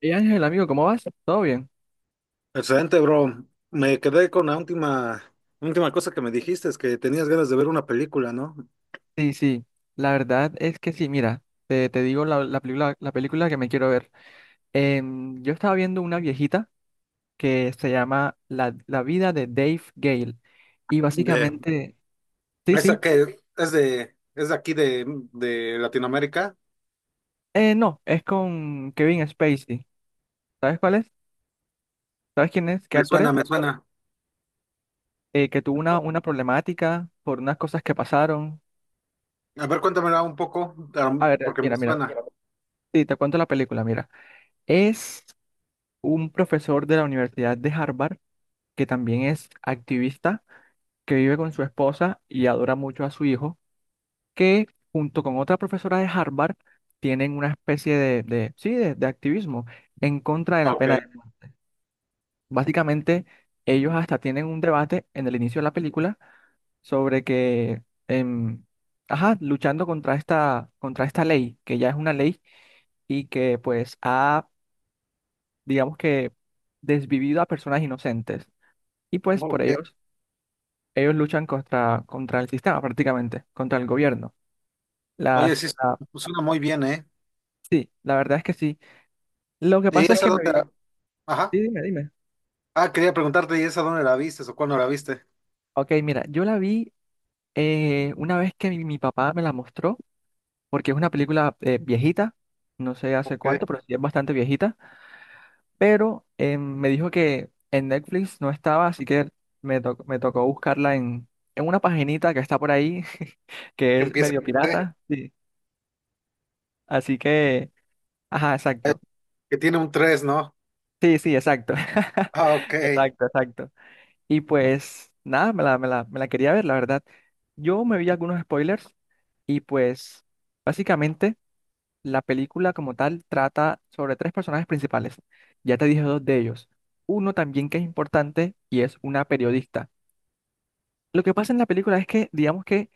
Y Ángel, amigo, ¿cómo vas? ¿Todo bien? Excelente, bro. Me quedé con la última cosa que me dijiste, es que tenías ganas de ver una película, ¿no? Sí, sí, la verdad es que sí, mira, te digo la película que me quiero ver. Yo estaba viendo una viejita que se llama La vida de Dave Gale y De básicamente, sí, esa sí, que es de aquí de Latinoamérica. No, es con Kevin Spacey. ¿Sabes cuál es? ¿Sabes quién es? ¿Qué Me actor es? suena, me suena. Que tuvo una problemática por unas cosas que pasaron. A ver, cuéntamela un poco, A ver, porque me mira, suena. sí, te cuento la película, mira. Es un profesor de la Universidad de Harvard que también es activista, que vive con su esposa y adora mucho a su hijo, que junto con otra profesora de Harvard tienen una especie sí, de activismo en contra de la Ok, pena de muerte. Básicamente, ellos hasta tienen un debate en el inicio de la película sobre que, em, ajá, luchando contra esta ley, que ya es una ley y que pues ha, digamos que, desvivido a personas inocentes. Y pues por ok. ellos, ellos luchan contra el sistema prácticamente, contra el gobierno. Oye, Las, sí, la- suena muy bien, ¿eh? sí, la verdad es que sí. Lo que ¿Y pasa es esa que me vi... dónde la- Ajá. Sí, dime, dime. Ah, quería preguntarte, ¿y esa dónde la viste o cuándo la viste? Ok, mira, yo la vi una vez que mi papá me la mostró, porque es una película viejita, no sé Ok, hace que cuánto, pero sí es bastante viejita, pero me dijo que en Netflix no estaba, así que me tocó buscarla en una paginita que está por ahí, que es empieza, medio ¿eh? pirata, sí. Así que, ajá, exacto. Que tiene un 3, ¿no? Sí, sí, exacto. Ah, ok. Exacto, exacto. Y pues nada, me la quería ver, la verdad. Yo me vi algunos spoilers y pues básicamente la película como tal trata sobre tres personajes principales. Ya te dije dos de ellos. Uno también que es importante y es una periodista. Lo que pasa en la película es que, digamos que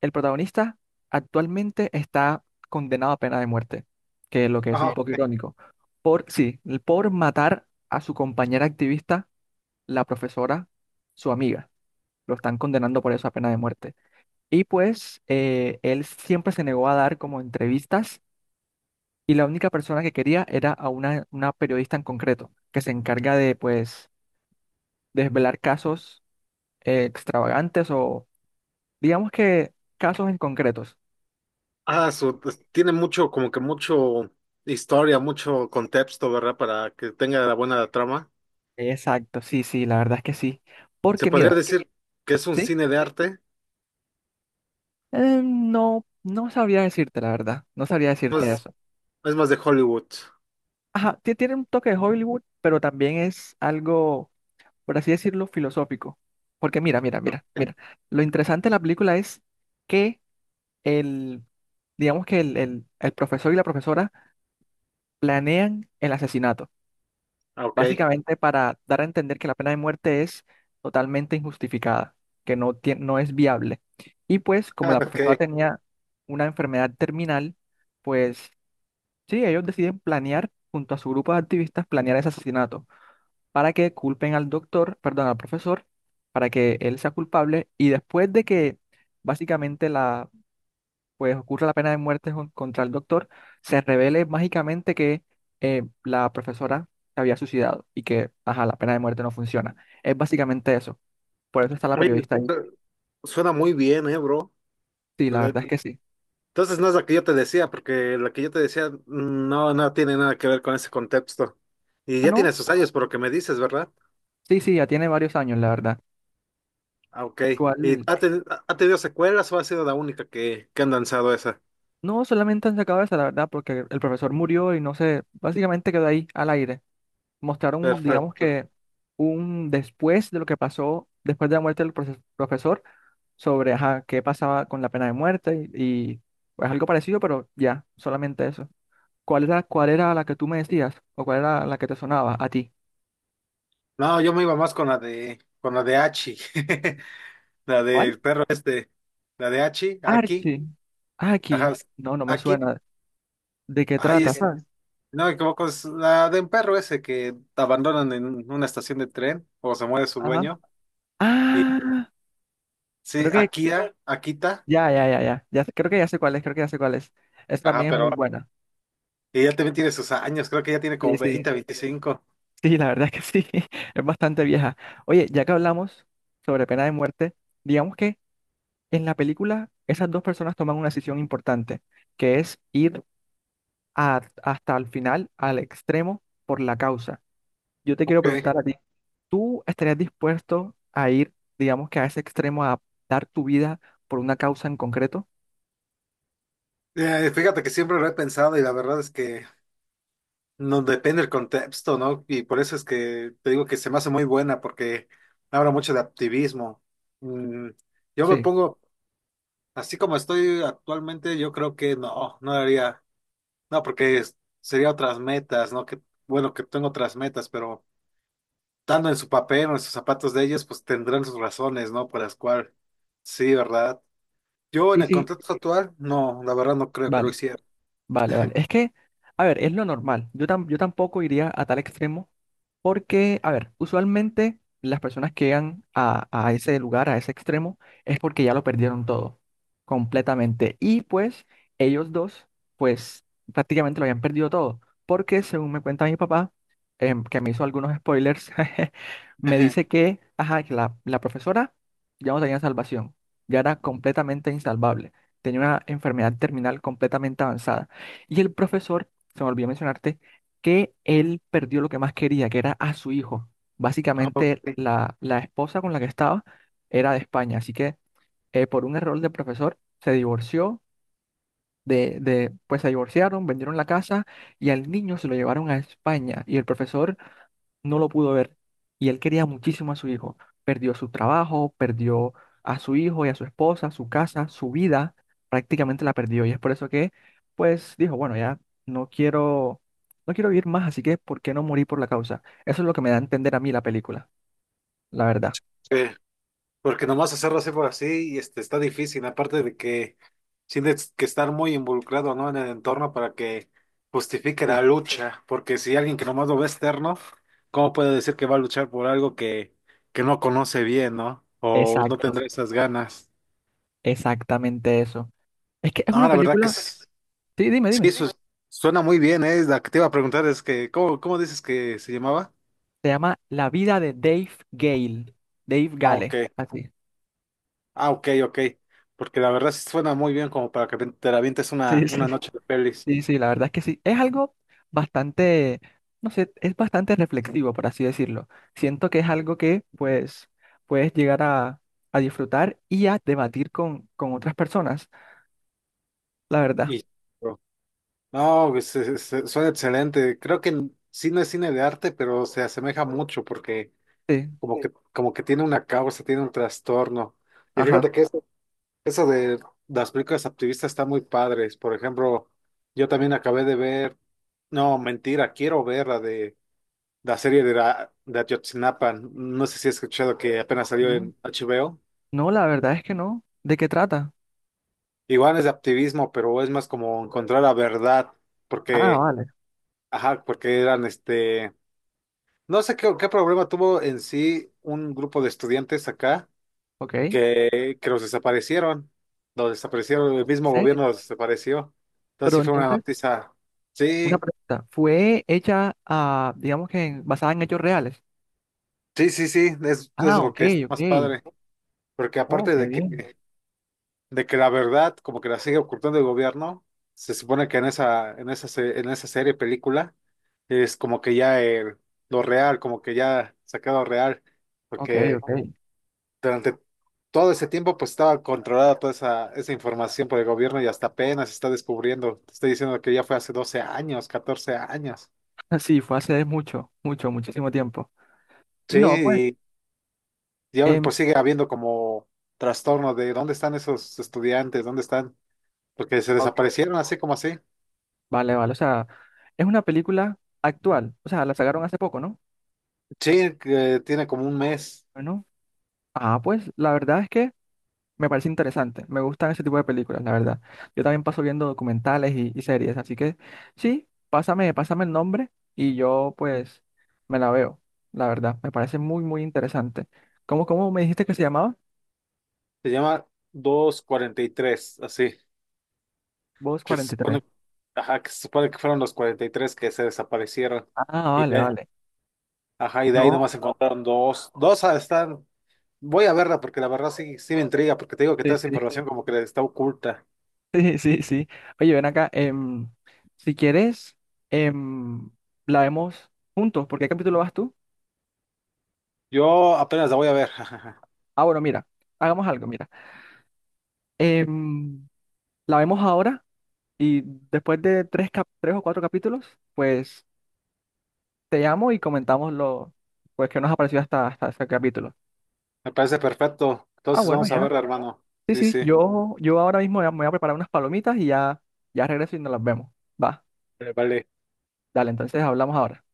el protagonista actualmente está condenado a pena de muerte, que es lo que es un Ajá. poco irónico, por, sí, por matar a su compañera activista, la profesora, su amiga. Lo están condenando por eso a pena de muerte. Y pues él siempre se negó a dar como entrevistas y la única persona que quería era a una periodista en concreto, que se encarga de pues desvelar casos extravagantes. Digamos que casos en concretos. Ah, pues, tiene mucho, como que mucho historia, mucho contexto, ¿verdad? Para que tenga la buena trama. Exacto, sí, sí, la verdad es que sí. Se Porque podría mira, decir que es un ¿sí? cine de arte, No, no sabría decirte, la verdad. No sabría decirte pues eso. es más de Hollywood. Ajá, tiene un toque de Hollywood, pero también es algo, por así decirlo, filosófico. Porque mira, mira, mira, Ok. mira. Lo interesante de la película es que el, digamos que el profesor y la profesora planean el asesinato. Ah, ok. Básicamente para dar a entender que la pena de muerte es totalmente injustificada, que no, no es viable. Y pues como Ah, la ok. profesora tenía una enfermedad terminal, pues sí, ellos deciden planear, junto a su grupo de activistas, planear ese asesinato para que culpen al doctor, perdón, al profesor, para que él sea culpable. Y después de que básicamente la pues ocurre la pena de muerte contra el doctor, se revele mágicamente que la profesora se había suicidado y que, ajá, la pena de muerte no funciona. Es básicamente eso. Por eso está la Oye, periodista sí, ahí. Suena muy bien, ¿eh, bro? Sí, la Le- verdad es que sí. Entonces no es la que yo te decía, porque la que yo te decía no, no tiene nada que ver con ese contexto. Y Ah, ya tiene no. sus años por lo que me dices, ¿verdad? Sí, sí, ya tiene varios años, la verdad. Ah, ok. ¿Y ¿Cuál? Ha tenido secuelas o ha sido la única que han lanzado esa? No, solamente han sacado esa, la verdad, porque el profesor murió y no sé, básicamente quedó ahí al aire. Mostraron, digamos Perfecto. que, un después de lo que pasó, después de la muerte del profesor sobre ajá, qué pasaba con la pena de muerte y pues algo parecido, pero ya, solamente eso. ¿Cuál era la que tú me decías o cuál era la que te sonaba a ti? No, yo me iba más con la de Hachi, la ¿Cuál? del perro este, la de Hachi, aquí, Archie. Ah, Aquí. ajá, No, no me aquí, suena. ¿De qué ay, trata? es, ¿Sabes? no me equivoco, es la de un perro ese que abandonan en una estación de tren o se muere su Ajá. dueño, y Ah, creo sí, que Akira, Akita, ya, ya, ya, ya, ya. Creo que ya sé cuál es, Esa ajá, también es muy pero buena. ella también tiene sus años, creo que ya tiene Sí, como sí. 20, 25. Sí, la verdad es que sí. Es bastante vieja. Oye, ya que hablamos sobre pena de muerte, digamos que en la película, esas dos personas toman una decisión importante, que es ir hasta el final, al extremo, por la causa. Yo te quiero Ok. preguntar a ti, ¿tú estarías dispuesto a ir, digamos que a ese extremo, a dar tu vida por una causa en concreto? Fíjate que siempre lo he pensado y la verdad es que no depende del contexto, ¿no? Y por eso es que te digo que se me hace muy buena porque habla mucho de activismo. Mm, yo me Sí, pongo, así como estoy actualmente, yo creo que no, no haría, no, porque sería otras metas, ¿no? Que, bueno, que tengo otras metas, pero estando en su papel o en sus zapatos de ellos, pues tendrán sus razones, ¿no? Por las cuales, sí, ¿verdad? Yo en sí, el sí. contexto actual, no, la verdad no creo que lo Vale, hiciera. vale, vale. Es que, a ver, es lo normal. Yo tampoco iría a tal extremo. Porque, a ver, usualmente las personas que llegan a ese lugar, a ese extremo, es porque ya lo perdieron todo, completamente. Y pues ellos dos, pues prácticamente lo habían perdido todo. Porque según me cuenta mi papá, que me hizo algunos spoilers, me dice que, ajá, que la profesora ya no tenía salvación, ya era completamente insalvable, tenía una enfermedad terminal completamente avanzada. Y el profesor, se me olvidó mencionarte, que él perdió lo que más quería, que era a su hijo. Básicamente, Ok. la esposa con la que estaba era de España, así que por un error del profesor se divorció pues se divorciaron, vendieron la casa y al niño se lo llevaron a España y el profesor no lo pudo ver y él quería muchísimo a su hijo. Perdió su trabajo, perdió a su hijo y a su esposa, su casa, su vida, prácticamente la perdió y es por eso que, pues dijo, bueno, ya no quiero, no quiero, vivir más, así que ¿por qué no morir por la causa? Eso es lo que me da a entender a mí la película, la verdad. Ok. Porque nomás hacerlo así por así y este, está difícil, aparte de que tienes que estar muy involucrado, ¿no? En el entorno para que justifique Sí. la lucha, porque si alguien que nomás lo ve externo, ¿cómo puede decir que va a luchar por algo que no conoce bien, ¿no? O no Exacto, tendrá esas ganas. exactamente eso. Es que es una No, la verdad que película, sí, dime, sí, dime. Suena muy bien, ¿eh? La que te iba a preguntar es que, ¿cómo dices que se llamaba? Se llama La vida de Dave Gale. Dave Ah, ok, Gale, así. ah, ok, ok, porque la verdad sí suena muy bien como para que te la avientes una, Sí, sí. una noche de pelis. Sí, sí, la verdad es que sí. Es algo bastante, no sé, es bastante reflexivo, por así decirlo. Siento que es algo que, pues, puedes llegar a, disfrutar y a debatir con otras personas, la verdad. Y no, pues, suena excelente. Creo que n- sí no es cine de arte, pero se asemeja mucho porque Sí, como que tiene una causa, tiene un trastorno. Y ajá. fíjate que eso de las películas activistas está muy padres. Por ejemplo, yo también acabé de ver, no, mentira, quiero ver la de la serie de, la, de Ayotzinapa. No sé si has escuchado que apenas salió No, en HBO. no, la verdad es que no. ¿De qué trata? Igual es de activismo, pero es más como encontrar la verdad, Ah, porque, vale. ajá, porque eran este no sé qué, qué problema tuvo en sí un grupo de estudiantes acá Ok. ¿En que los desaparecieron. Los desaparecieron, el mismo serio? gobierno los desapareció. Entonces Pero sí fue una entonces, noticia. Sí, una pregunta. ¿Fue hecha, ah, digamos que basada en hechos reales? sí, sí, sí, es Ah, lo ok, que es ok. más padre. Porque Oh, aparte qué bien. De que la verdad como que la sigue ocultando el gobierno, se supone que en esa serie, película, es como que ya lo real, como que ya sacado real. Ok, Porque ok. durante todo ese tiempo, pues estaba controlada toda esa información por el gobierno y hasta apenas se está descubriendo. Te estoy diciendo que ya fue hace 12 años, 14 años. Sí, fue hace mucho, mucho, muchísimo tiempo. Y no, pues, Sí, y aún em, pues sigue habiendo como trastorno de dónde están esos estudiantes, dónde están, porque se ok, desaparecieron así como así. vale, vale. O sea, es una película actual. O sea, la sacaron hace poco, ¿no? Sí, que tiene como un mes, Bueno, pues, la verdad es que me parece interesante. Me gustan ese tipo de películas, la verdad. Yo también paso viendo documentales y series, así que sí, pásame, pásame el nombre y yo, pues, me la veo. La verdad, me parece muy, muy interesante. ¿Cómo me dijiste que se llamaba? se llama 243 así, Voz que se 43. supone, ajá, que se supone que fueron los 43 que se desaparecieron. Ah, Y vale, de, vale. ajá, y de ahí No, nomás encontraron dos, dos ah, están voy a verla porque la verdad sí, sí me intriga, porque te digo que sí, toda esa sí, información como que está oculta. sí, sí, sí. Oye, ven acá, si quieres, em, la vemos juntos. ¿Por qué capítulo vas tú? Yo apenas la voy a ver. Ah, bueno, mira, hagamos algo, mira. Em, la vemos ahora y después de tres o cuatro capítulos, pues te llamo y comentamos lo pues, que nos ha parecido hasta este capítulo. Me parece perfecto. Ah, Entonces bueno, vamos a ya. verla, hermano. Sí, Sí, sí, sí. yo, ahora mismo ya me voy a preparar unas palomitas y ya, ya regreso y nos las vemos. Va, Vale. dale, entonces hablamos ahora.